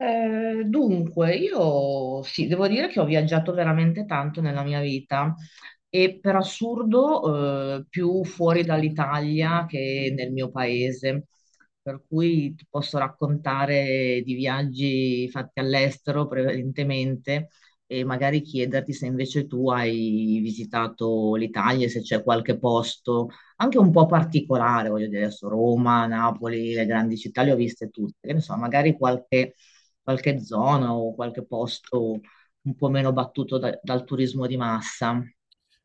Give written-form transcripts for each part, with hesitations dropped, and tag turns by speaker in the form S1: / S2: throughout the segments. S1: Dunque, io sì, devo dire che ho viaggiato veramente tanto nella mia vita e per assurdo, più fuori dall'Italia che nel mio paese. Per cui ti posso raccontare di viaggi fatti all'estero prevalentemente e magari chiederti se invece tu hai visitato l'Italia, e se c'è qualche posto anche un po' particolare, voglio dire, adesso Roma, Napoli, le grandi città le ho viste tutte, che ne so, magari qualche zona o qualche posto un po' meno battuto dal turismo di massa.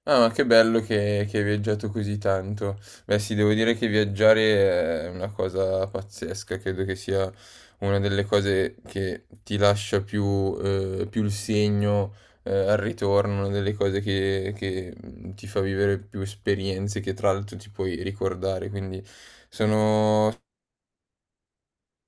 S2: Ah, ma che bello che hai viaggiato così tanto. Beh, sì, devo dire che viaggiare è una cosa pazzesca, credo che sia una delle cose che ti lascia più, più il segno, al ritorno, una delle cose che ti fa vivere più esperienze che tra l'altro ti puoi ricordare, quindi sono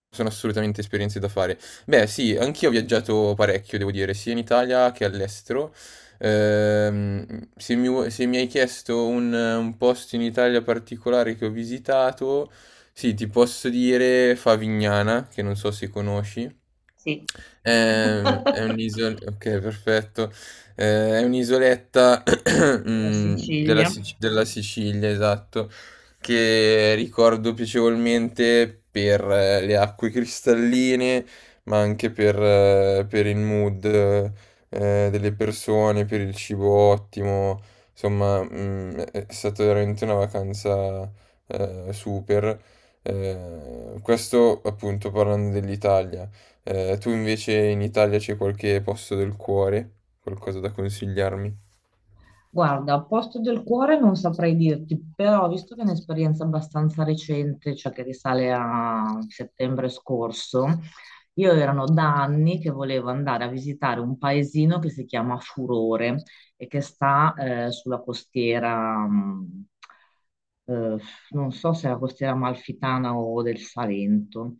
S2: sono assolutamente esperienze da fare. Beh, sì, anch'io ho viaggiato parecchio, devo dire, sia in Italia che all'estero. Se mi hai chiesto un posto in Italia particolare che ho visitato, sì, ti posso dire Favignana, che non so se conosci.
S1: Sì.
S2: Un'isola, ok, perfetto. È un'isoletta
S1: Sicilia.
S2: Della Sicilia, esatto, che ricordo piacevolmente per le acque cristalline, ma anche per il mood delle persone, per il cibo ottimo. Insomma, è stata veramente una vacanza super. Questo appunto parlando dell'Italia. Tu invece in Italia c'è qualche posto del cuore? Qualcosa da consigliarmi?
S1: Guarda, posto del cuore non saprei dirti, però visto che è un'esperienza abbastanza recente, cioè che risale a settembre scorso, io erano da anni che volevo andare a visitare un paesino che si chiama Furore, e che sta sulla costiera, eh, non so se è la costiera amalfitana o del Salento.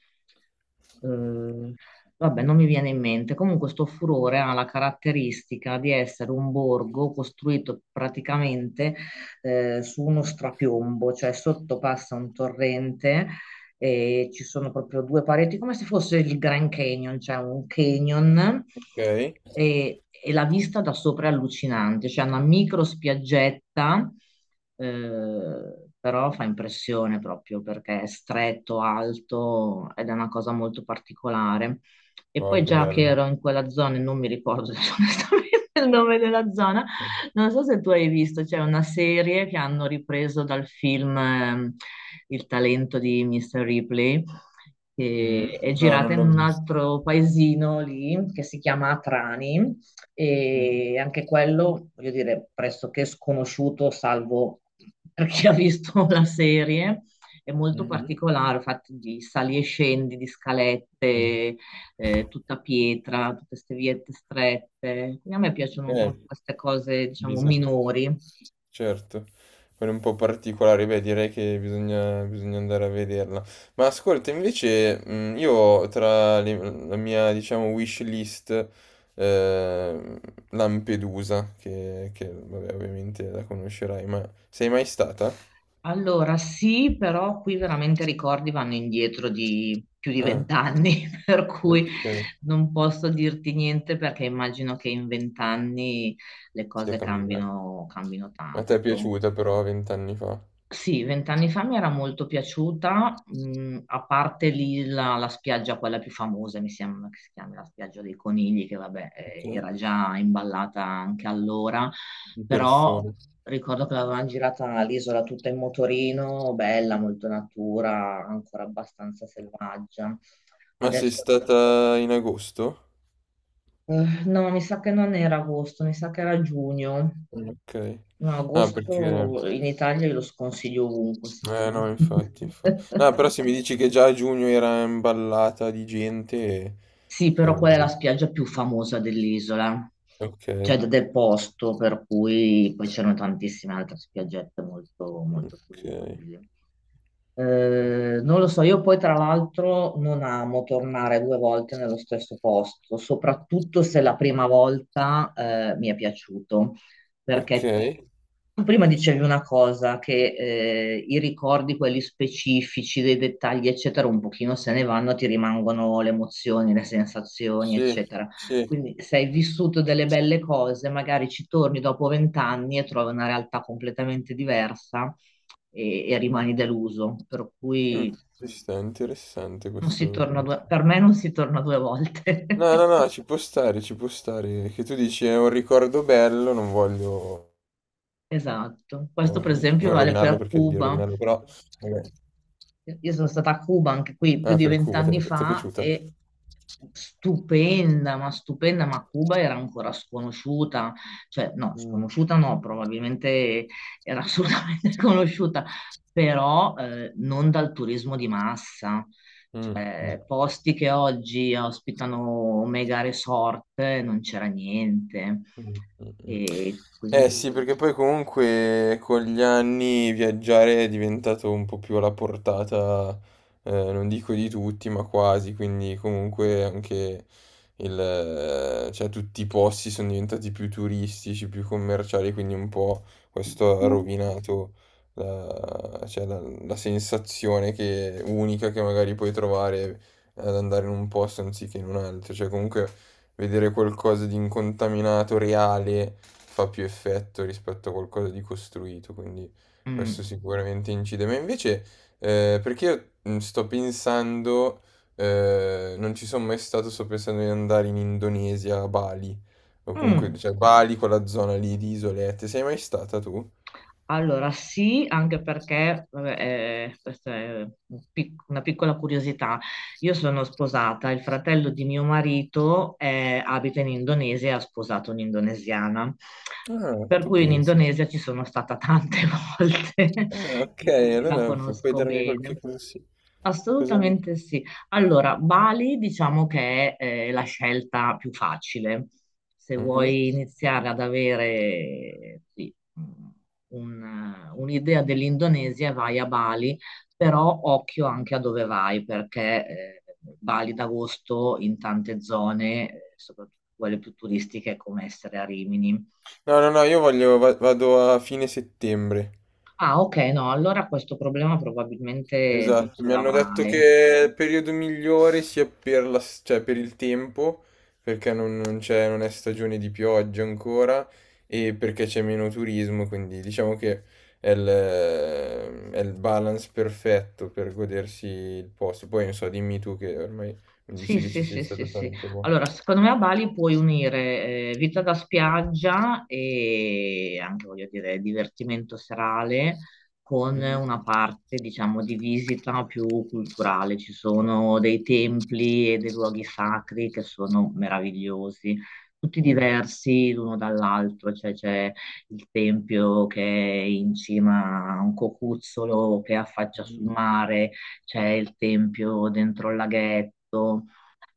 S1: Eh, Vabbè, non mi viene in mente. Comunque, sto furore ha la caratteristica di essere un borgo costruito praticamente su uno strapiombo, cioè sotto passa un torrente e ci sono proprio due pareti, come se fosse il Grand Canyon, cioè un canyon
S2: Ok.
S1: e la vista da sopra è allucinante, c'è una micro spiaggetta, però fa impressione proprio perché è stretto, alto ed è una cosa molto particolare. E
S2: Oh,
S1: poi
S2: che
S1: già che
S2: bello.
S1: ero in quella zona e non mi ricordo adesso onestamente il nome della zona, non so se tu hai visto, c'è una serie che hanno ripreso dal film Il talento di Mr. Ripley,
S2: Mm?
S1: che è
S2: No,
S1: girata
S2: non
S1: in
S2: l'ho
S1: un
S2: visto.
S1: altro paesino lì che si chiama Atrani
S2: Mm.
S1: e anche quello, voglio dire, pressoché sconosciuto, salvo per chi ha visto la serie. È molto
S2: Mh-mh.
S1: particolare, fatto di sali e scendi, di
S2: Mh.
S1: scalette, tutta pietra, tutte queste viette strette. Quindi a me piacciono un
S2: Eh,
S1: po' queste cose, diciamo,
S2: bisa
S1: minori.
S2: certo, quella è un po' particolare, beh direi che bisogna andare a vederla. Ma ascolta invece, io tra le la mia diciamo wish list, ehm, Lampedusa, che vabbè ovviamente la conoscerai, ma sei mai stata?
S1: Allora sì, però qui veramente i ricordi vanno indietro di più di
S2: Ah.
S1: 20 anni, per cui
S2: Okay,
S1: non posso dirti niente perché immagino che in 20 anni le
S2: si è
S1: cose
S2: cambiato.
S1: cambino, cambino
S2: A te è
S1: tanto.
S2: piaciuta però 20 anni fa?
S1: Sì, 20 anni fa mi era molto piaciuta, a parte lì la spiaggia, quella più famosa, mi sembra che si chiami la spiaggia dei conigli, che vabbè,
S2: Okay,
S1: era già imballata anche allora,
S2: di
S1: però
S2: persona.
S1: ricordo che l'avevamo girata l'isola tutta in motorino, bella, molto natura, ancora abbastanza selvaggia.
S2: Ma sei
S1: Adesso
S2: stata in agosto?
S1: no, mi sa che non era agosto, mi sa che era giugno.
S2: Mm. Ok.
S1: No,
S2: No, perché...
S1: agosto in Italia io lo sconsiglio ovunque,
S2: Eh no,
S1: sinceramente.
S2: infatti, infatti. No, però se mi dici che già a giugno era imballata di gente...
S1: Sì,
S2: cioè,
S1: però
S2: vuol
S1: qual è la
S2: dire-
S1: spiaggia più famosa dell'isola?
S2: ok,
S1: Cioè del posto, per cui poi c'erano tantissime altre spiaggette molto, molto più
S2: ok.
S1: vivibili. Non lo so, io poi tra l'altro non amo tornare due volte nello stesso posto, soprattutto se la prima volta mi è piaciuto
S2: Ok,
S1: perché tu prima dicevi una cosa, che i ricordi, quelli specifici, dei dettagli, eccetera, un pochino se ne vanno, ti rimangono le emozioni, le sensazioni,
S2: sì,
S1: eccetera.
S2: sì.
S1: Quindi se hai vissuto delle belle cose, magari ci torni dopo 20 anni e trovi una realtà completamente diversa e rimani deluso. Per cui
S2: Ci sta, interessante
S1: non si
S2: questo
S1: torna due- per
S2: pensiero.
S1: me non si torna due volte.
S2: No, no, no, ci può stare, ci può stare. Che tu dici è un ricordo bello, non voglio
S1: Esatto. Questo per esempio
S2: non
S1: vale
S2: rovinarlo
S1: per
S2: perché devi
S1: Cuba.
S2: rovinarlo, però... vabbè.
S1: Io sono stata a Cuba anche qui più
S2: Ah,
S1: di
S2: per Cuba,
S1: 20 anni
S2: ti è
S1: fa
S2: piaciuta?
S1: e stupenda, ma Cuba era ancora sconosciuta, cioè no,
S2: Mm,
S1: sconosciuta no, probabilmente era assolutamente conosciuta, però non dal turismo di massa.
S2: mm, mm.
S1: Cioè, posti che oggi ospitano mega resort, non c'era niente.
S2: Mh, mh, mh.
S1: E
S2: Eh
S1: quindi.
S2: sì, perché poi comunque con gli anni viaggiare è diventato un po' più alla portata, non dico di tutti, ma quasi, quindi comunque anche cioè tutti i posti sono diventati più turistici, più commerciali, quindi un po' questo ha rovinato la sensazione unica che magari puoi trovare ad andare in un posto anziché in un altro, cioè comunque vedere qualcosa di incontaminato, reale, fa più effetto rispetto a qualcosa di costruito, quindi
S1: Mm,
S2: questo sicuramente incide. Ma invece, perché io sto pensando, non ci sono mai stato, sto pensando di andare in Indonesia, a Bali, o comunque,
S1: mm.
S2: cioè Bali, quella zona lì di isolette. Sei mai stata tu?
S1: Allora, sì, anche perché, vabbè, questa è una piccola curiosità, io sono sposata, il fratello di mio marito abita in Indonesia e ha sposato un'indonesiana,
S2: Ah,
S1: per
S2: tu
S1: cui in
S2: pensi.
S1: Indonesia ci sono stata tante volte
S2: Ah, ok,
S1: e quindi la
S2: allora puoi
S1: conosco
S2: darmi
S1: bene.
S2: qualche consiglio. Cosa mi...
S1: Assolutamente sì. Allora, Bali diciamo che è la scelta più facile. Se
S2: Mhm.
S1: vuoi iniziare ad avere sì, un'idea dell'Indonesia, vai a Bali, però occhio anche a dove vai, perché Bali d'agosto in tante zone, soprattutto quelle più turistiche, è come essere a Rimini.
S2: No, no, no, io voglio, vado a fine settembre.
S1: Ah, ok, no, allora questo problema probabilmente non
S2: Esatto,
S1: ce
S2: mi hanno detto
S1: l'avrai.
S2: che il periodo migliore sia per cioè, per il tempo, perché non c'è, non è stagione di pioggia ancora e perché c'è meno turismo, quindi diciamo che è il, è il balance perfetto per godersi il posto. Poi non so, dimmi tu che ormai mi
S1: Sì,
S2: dici che
S1: sì,
S2: ci sei
S1: sì, sì,
S2: stato
S1: sì.
S2: tante volte.
S1: Allora, secondo me a Bali puoi unire vita da spiaggia e anche, voglio dire, divertimento serale con
S2: Mhm.
S1: una parte, diciamo, di visita più culturale. Ci sono dei templi e dei luoghi sacri che sono meravigliosi, tutti
S2: Mm.
S1: diversi l'uno dall'altro, cioè c'è il tempio che è in cima a un cocuzzolo che affaccia sul mare, c'è il tempio dentro il laghetto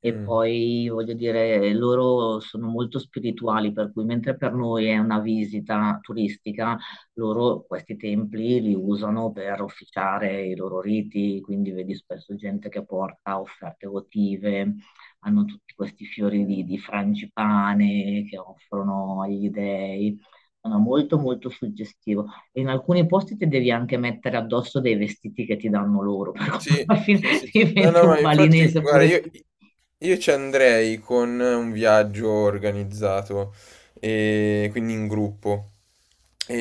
S1: e
S2: Mm.
S1: poi voglio dire, loro sono molto spirituali, per cui mentre per noi è una visita turistica, loro questi templi li usano per officiare i loro riti, quindi vedi spesso gente che porta offerte votive, hanno tutti questi fiori di,
S2: Mm.
S1: di frangipane che offrono agli dei. Sono molto molto suggestivo. E in alcuni posti ti devi anche mettere addosso dei vestiti che ti danno loro, per cui
S2: Sì,
S1: alla fine
S2: sì, sì. No,
S1: diventi
S2: no,
S1: un
S2: ma infatti,
S1: balinese
S2: guarda,
S1: pure tu.
S2: io ci andrei con un viaggio organizzato, e quindi in gruppo.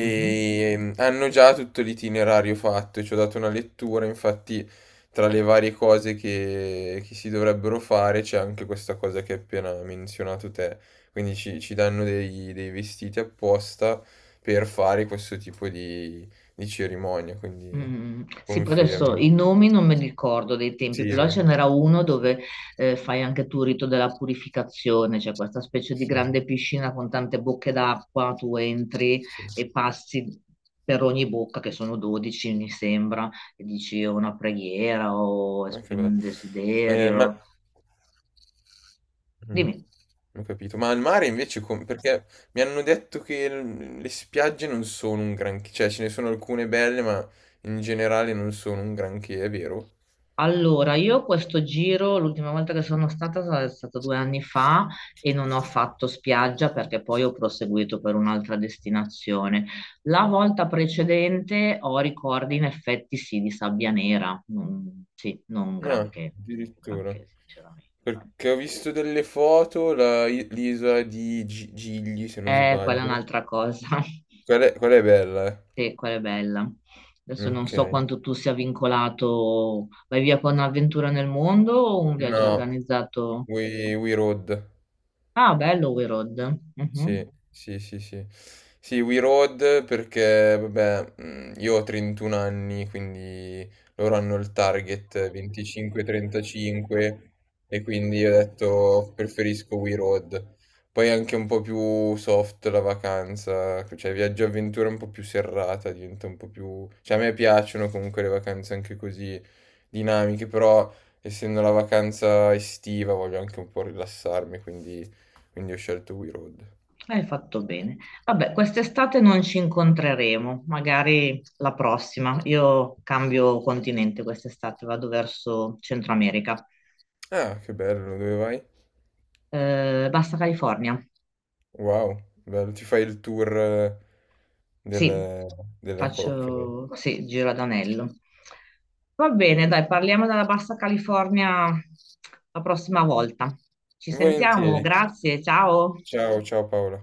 S1: Mhm.
S2: hanno già tutto l'itinerario fatto, ci ho dato una lettura, infatti tra le varie cose che si dovrebbero fare c'è anche questa cosa che hai appena menzionato te. Quindi ci danno dei vestiti apposta per fare questo tipo di cerimonia, quindi
S1: Mm, sì, però adesso
S2: confermo.
S1: i nomi non me li ricordo dei tempi,
S2: Sì,
S1: però
S2: eh.
S1: ce n'era uno dove fai anche tu il rito della purificazione, cioè questa specie di
S2: Sì,
S1: grande piscina con tante bocche d'acqua, tu entri
S2: sì, sì,
S1: e passi per ogni bocca, che sono 12 mi sembra, e dici una preghiera o
S2: anche
S1: esprimi
S2: vero.
S1: un
S2: Ehm, ma
S1: desiderio. Dimmi.
S2: Ho capito. Ma al mare invece com perché mi hanno detto che l le spiagge non sono un granché, cioè ce ne sono alcune belle, ma in generale non sono un granché, è vero?
S1: Allora, io questo giro, l'ultima volta che sono stata è stato 2 anni fa e non ho fatto spiaggia perché poi ho proseguito per un'altra destinazione. La volta precedente ho ricordi in effetti sì di sabbia nera, non, sì, non
S2: Ah,
S1: granché, non
S2: addirittura.
S1: granché sinceramente.
S2: Perché ho visto delle foto, la i l'isola di Gi Gigli, se non
S1: Quella è
S2: sbaglio.
S1: un'altra cosa,
S2: Quella è bella, eh.
S1: sì, quella è bella. Adesso non
S2: Ok.
S1: so quanto tu sia vincolato, vai via con un'avventura nel mondo o un
S2: No,
S1: viaggio
S2: no,
S1: organizzato?
S2: We Road.
S1: Ah, bello We Road.
S2: Sì,
S1: Mhm.
S2: sì, sì, sì. Sì, We Road perché, vabbè, io ho 31 anni, quindi loro hanno il target 25-35 e quindi ho detto preferisco We Road. Poi è anche un po' più soft la vacanza, cioè viaggio avventura un po' più serrata, diventa un po' più... Cioè a me piacciono comunque le vacanze anche così dinamiche, però essendo la vacanza estiva voglio anche un po' rilassarmi, quindi, quindi ho scelto We Road.
S1: Hai fatto bene. Vabbè, quest'estate non ci incontreremo, magari la prossima. Io cambio continente quest'estate, vado verso Centro America.
S2: Ah, che bello, dove vai?
S1: Basta California.
S2: Wow, bello, ti fai il tour
S1: Sì,
S2: della, della cocca.
S1: faccio, sì, giro ad anello. Va bene, dai, parliamo della Bassa California la prossima volta. Ci sentiamo,
S2: Volentieri.
S1: grazie, ciao.
S2: Ciao, ciao Paola.